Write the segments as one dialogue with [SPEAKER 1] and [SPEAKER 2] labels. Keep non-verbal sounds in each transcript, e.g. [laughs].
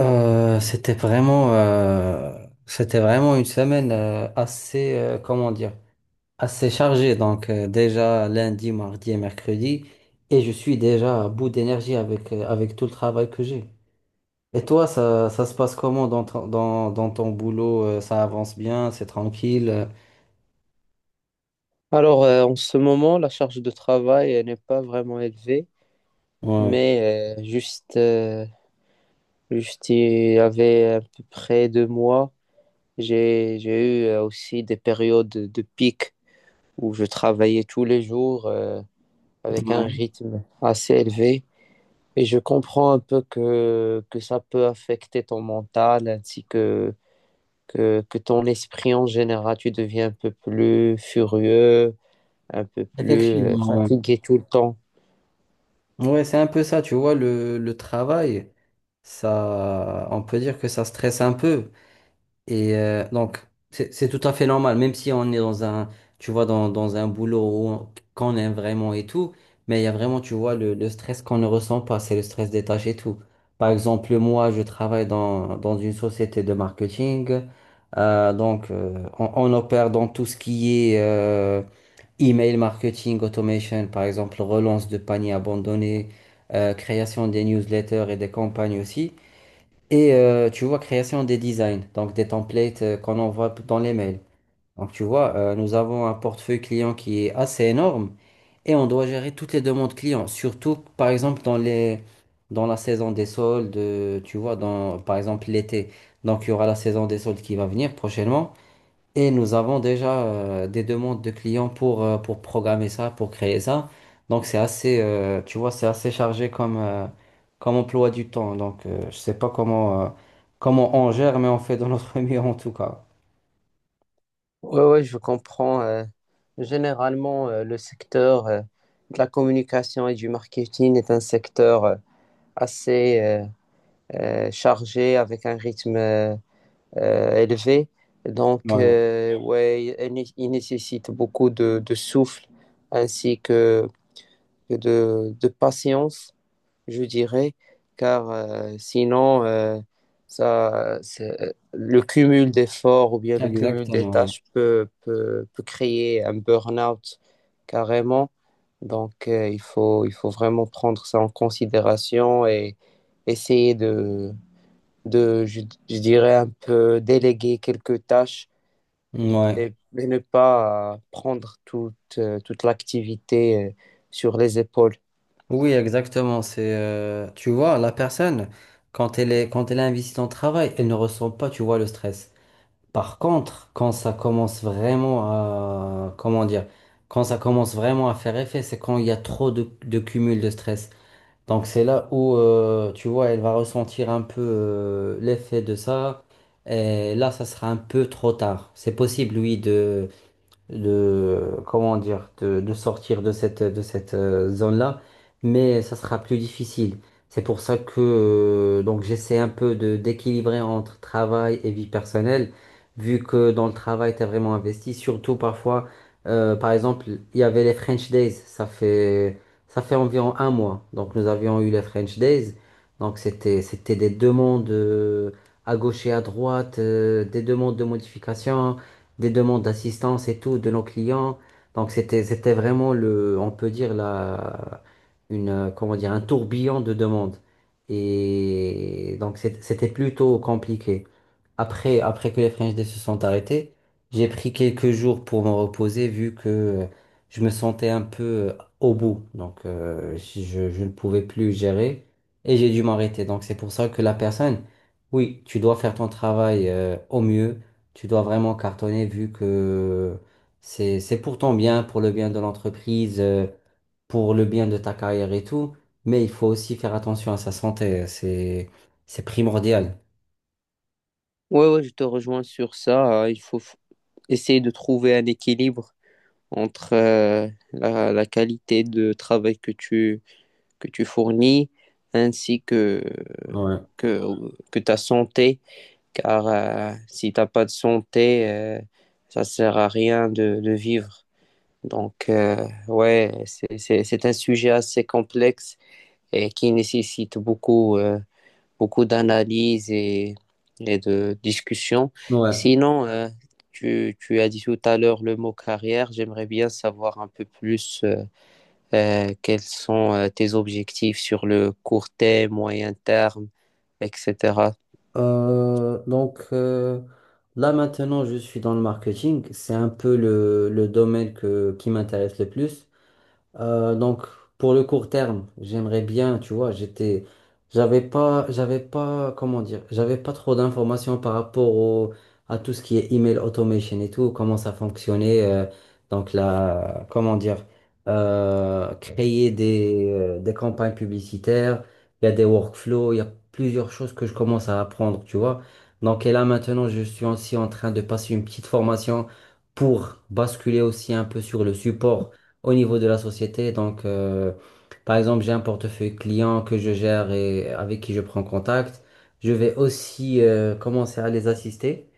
[SPEAKER 1] C'était vraiment, c'était vraiment une semaine assez, comment dire, assez chargée. Déjà lundi, mardi et mercredi, et je suis déjà à bout d'énergie avec avec tout le travail que j'ai. Et toi, ça se passe comment dans dans ton boulot? Ça avance bien, c'est tranquille.
[SPEAKER 2] En ce moment, la charge de travail elle n'est pas vraiment élevée,
[SPEAKER 1] Ouais,
[SPEAKER 2] mais juste il y avait à peu près deux mois, j'ai eu aussi des périodes de pic où je travaillais tous les jours avec un
[SPEAKER 1] ouais.
[SPEAKER 2] rythme assez élevé. Et je comprends un peu que ça peut affecter ton mental ainsi que ton esprit en général. Tu deviens un peu plus furieux, un peu plus
[SPEAKER 1] Effectivement, ouais.
[SPEAKER 2] fatigué tout le temps.
[SPEAKER 1] Ouais, c'est un peu ça, tu vois, le travail, ça, on peut dire que ça stresse un peu. Et donc, c'est tout à fait normal, même si on est dans un, tu vois, dans un boulot qu'on aime vraiment et tout, mais il y a vraiment, tu vois, le stress qu'on ne ressent pas, c'est le stress des tâches et tout. Par exemple, moi, je travaille dans une société de marketing, euh, donc euh, on opère dans tout ce qui est email marketing, automation, par exemple, relance de paniers abandonnés, création des newsletters et des campagnes aussi. Et tu vois, création des designs, donc des templates qu'on envoie dans les mails. Donc tu vois, nous avons un portefeuille client qui est assez énorme et on doit gérer toutes les demandes clients, surtout par exemple dans les, dans la saison des soldes, tu vois, dans, par exemple l'été. Donc il y aura la saison des soldes qui va venir prochainement. Et nous avons déjà des demandes de clients pour programmer ça, pour créer ça. Donc c'est assez, tu vois, c'est assez chargé comme, comme emploi du temps. Je sais pas comment, comment on gère, mais on fait de notre [laughs] mieux en tout cas.
[SPEAKER 2] Ouais, ouais, je comprends. Généralement, le secteur de la communication et du marketing est un secteur assez chargé avec un rythme élevé. Donc,
[SPEAKER 1] Ouais,
[SPEAKER 2] ouais, il nécessite beaucoup de souffle ainsi que, que de patience je dirais, car sinon, le cumul d'efforts ou bien le cumul des
[SPEAKER 1] exactement.
[SPEAKER 2] tâches peut créer un burn-out carrément. Donc, il faut vraiment prendre ça en considération et essayer de, je dirais, un peu déléguer quelques tâches
[SPEAKER 1] Ouais. Ouais.
[SPEAKER 2] et ne pas prendre toute, toute l'activité sur les épaules.
[SPEAKER 1] Oui, exactement. C'est, tu vois, la personne, quand elle est investie dans le travail, elle ne ressent pas, tu vois, le stress. Par contre, quand ça commence vraiment à, comment dire, quand ça commence vraiment à faire effet, c'est quand il y a trop de cumul de stress. Donc c'est là où, tu vois, elle va ressentir un peu l'effet de ça. Et là, ça sera un peu trop tard. C'est possible, oui, de comment dire de sortir de cette zone-là, mais ça sera plus difficile. C'est pour ça que donc j'essaie un peu de d'équilibrer entre travail et vie personnelle, vu que dans le travail t'es vraiment investi. Surtout parfois, par exemple, il y avait les French Days, ça fait environ un mois. Donc nous avions eu les French Days, donc c'était des demandes à gauche et à droite, des demandes de modification des demandes d'assistance et tout de nos clients. Donc c'était vraiment le, on peut dire la, une, comment dire, un tourbillon de demandes. Et donc c'était plutôt compliqué. Après, après que les French Day se sont arrêtés, j'ai pris quelques jours pour me reposer vu que je me sentais un peu euh, au bout. Donc, je ne pouvais plus gérer et j'ai dû m'arrêter. Donc, c'est pour ça que la personne, oui, tu dois faire ton travail au mieux. Tu dois vraiment cartonner vu que c'est pour ton bien, pour le bien de l'entreprise, pour le bien de ta carrière et tout. Mais il faut aussi faire attention à sa santé. C'est primordial.
[SPEAKER 2] Ouais, ouais, je te rejoins sur ça. Il faut essayer de trouver un équilibre entre la, la qualité de travail que tu fournis ainsi que,
[SPEAKER 1] Ouais,
[SPEAKER 2] que, que ta santé. Car si t'as pas de santé, ça sert à rien de vivre. Donc, ouais, c'est un sujet assez complexe et qui nécessite beaucoup. Beaucoup d'analyses et de discussions.
[SPEAKER 1] ouais.
[SPEAKER 2] Sinon, tu, tu as dit tout à l'heure le mot carrière. J'aimerais bien savoir un peu plus quels sont tes objectifs sur le court terme, moyen terme, etc.
[SPEAKER 1] Euh, donc euh, Là maintenant je suis dans le marketing, c'est un peu le domaine que, qui m'intéresse le plus. Euh, donc, pour le court terme, j'aimerais bien, tu vois, j'étais, j'avais pas, comment dire, j'avais pas trop d'informations par rapport au, à tout ce qui est email automation et tout, comment ça fonctionnait. Donc là, comment dire, créer des campagnes publicitaires, il y a des workflows, il y a plusieurs choses que je commence à apprendre, tu vois. Donc, et là, maintenant, je suis aussi en train de passer une petite formation pour basculer aussi un peu sur le support au niveau de la société. Donc, par exemple, j'ai un portefeuille client que je gère et avec qui je prends contact. Je vais aussi commencer à les assister.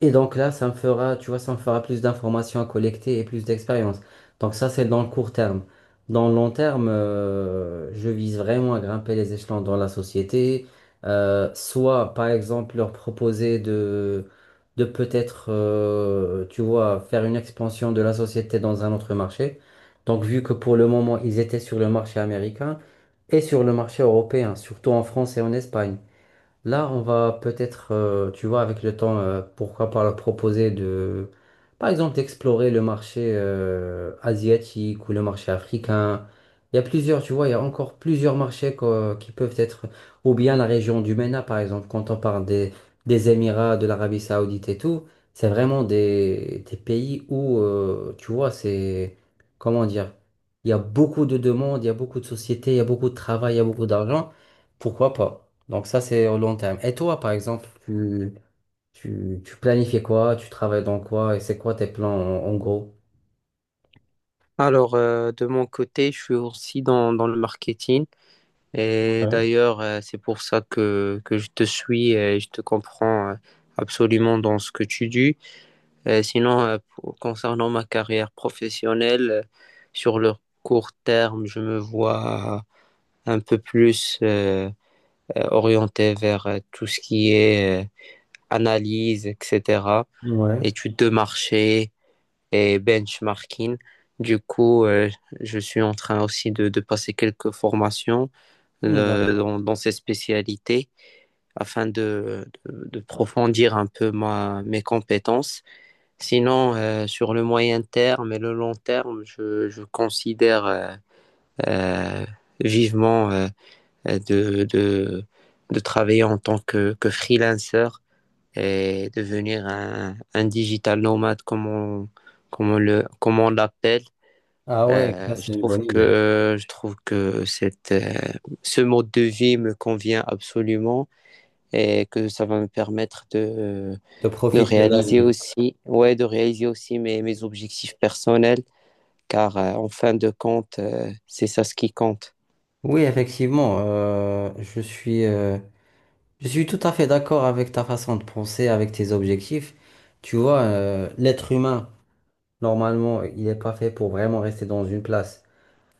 [SPEAKER 1] Et donc là, ça me fera, tu vois, ça me fera plus d'informations à collecter et plus d'expérience. Donc ça, c'est dans le court terme. Dans le long terme, je vise vraiment à grimper les échelons dans la société. Soit, par exemple, leur proposer de peut-être, tu vois, faire une expansion de la société dans un autre marché. Donc, vu que pour le moment, ils étaient sur le marché américain et sur le marché européen, surtout en France et en Espagne. Là, on va peut-être, tu vois, avec le temps, pourquoi pas leur proposer de, par exemple, d'explorer le marché asiatique ou le marché africain. Il y a plusieurs, tu vois, il y a encore plusieurs marchés qui peuvent être, ou bien la région du MENA, par exemple, quand on parle des Émirats, de l'Arabie Saoudite et tout, c'est vraiment des pays où, tu vois, c'est, comment dire, il y a beaucoup de demandes, il y a beaucoup de sociétés, il y a beaucoup de travail, il y a beaucoup d'argent. Pourquoi pas? Donc ça, c'est au long terme. Et toi, par exemple, tu planifies quoi? Tu travailles dans quoi? Et c'est quoi tes plans en, en gros?
[SPEAKER 2] Alors, de mon côté, je suis aussi dans, dans le marketing. Et
[SPEAKER 1] Ouais.
[SPEAKER 2] d'ailleurs, c'est pour ça que je te suis et je te comprends absolument dans ce que tu dis. Concernant ma carrière professionnelle, sur le court terme, je me vois un peu plus orienté vers tout ce qui est analyse, etc.,
[SPEAKER 1] Ouais.
[SPEAKER 2] études de marché et benchmarking. Du coup, je suis en train aussi de passer quelques formations
[SPEAKER 1] Hmm, d'accord.
[SPEAKER 2] dans, dans ces spécialités afin de approfondir un peu ma, mes compétences. Sinon, sur le moyen terme et le long terme, je considère euh, vivement euh, de, de, de travailler en tant que freelancer et devenir un digital nomade, comme on, comme on l'appelle.
[SPEAKER 1] Ah ouais, ça
[SPEAKER 2] Je
[SPEAKER 1] c'est une
[SPEAKER 2] trouve
[SPEAKER 1] bonne idée.
[SPEAKER 2] que, je trouve que cette, ce mode de vie me convient absolument et que ça va me permettre
[SPEAKER 1] De
[SPEAKER 2] de
[SPEAKER 1] profiter de la
[SPEAKER 2] réaliser
[SPEAKER 1] vie.
[SPEAKER 2] aussi, ouais, de réaliser aussi mes, mes objectifs personnels, car en fin de compte, c'est ça ce qui compte.
[SPEAKER 1] Oui, effectivement, je suis tout à fait d'accord avec ta façon de penser, avec tes objectifs. Tu vois, l'être humain, normalement, il n'est pas fait pour vraiment rester dans une place.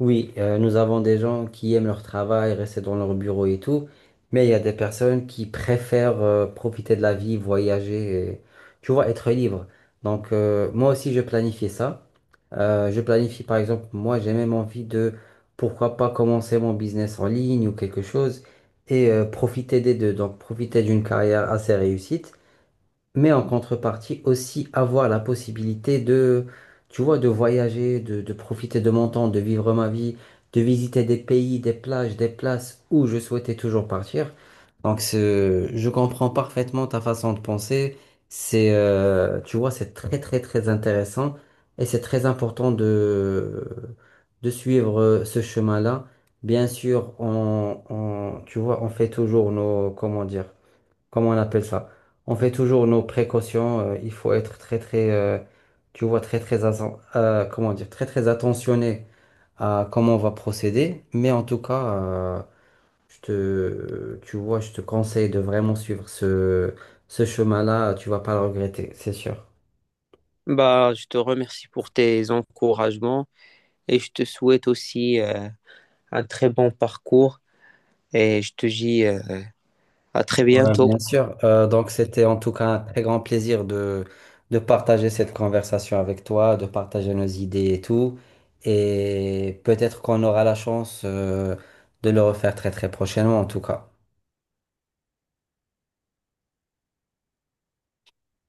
[SPEAKER 1] Oui, nous avons des gens qui aiment leur travail, rester dans leur bureau et tout, mais il y a des personnes qui préfèrent profiter de la vie, voyager, et, tu vois, être libre. Moi aussi, je planifie ça. Je planifie par exemple, moi j'ai même envie de, pourquoi pas commencer mon business en ligne ou quelque chose et profiter des deux. Donc profiter d'une carrière assez réussie mais en contrepartie aussi avoir la possibilité de, tu vois, de voyager, de profiter de mon temps, de vivre ma vie, de visiter des pays, des plages, des places où je souhaitais toujours partir. Donc, je comprends parfaitement ta façon de penser. C'est, tu vois, c'est très, très, très intéressant et c'est très important de suivre ce chemin-là. Bien sûr, tu vois, on fait toujours nos, comment dire, comment on appelle ça? On fait toujours nos précautions. Il faut être très très, tu vois, comment dire, très très attentionné à comment on va procéder. Mais en tout cas, je te, tu vois, je te conseille de vraiment suivre ce chemin-là. Tu vas pas le regretter, c'est sûr.
[SPEAKER 2] Bah, je te remercie pour tes encouragements et je te souhaite aussi un très bon parcours et je te dis à très
[SPEAKER 1] Ouais,
[SPEAKER 2] bientôt.
[SPEAKER 1] bien sûr. C'était en tout cas un très grand plaisir de partager cette conversation avec toi, de partager nos idées et tout. Et peut-être qu'on aura la chance, de le refaire très très prochainement en tout cas.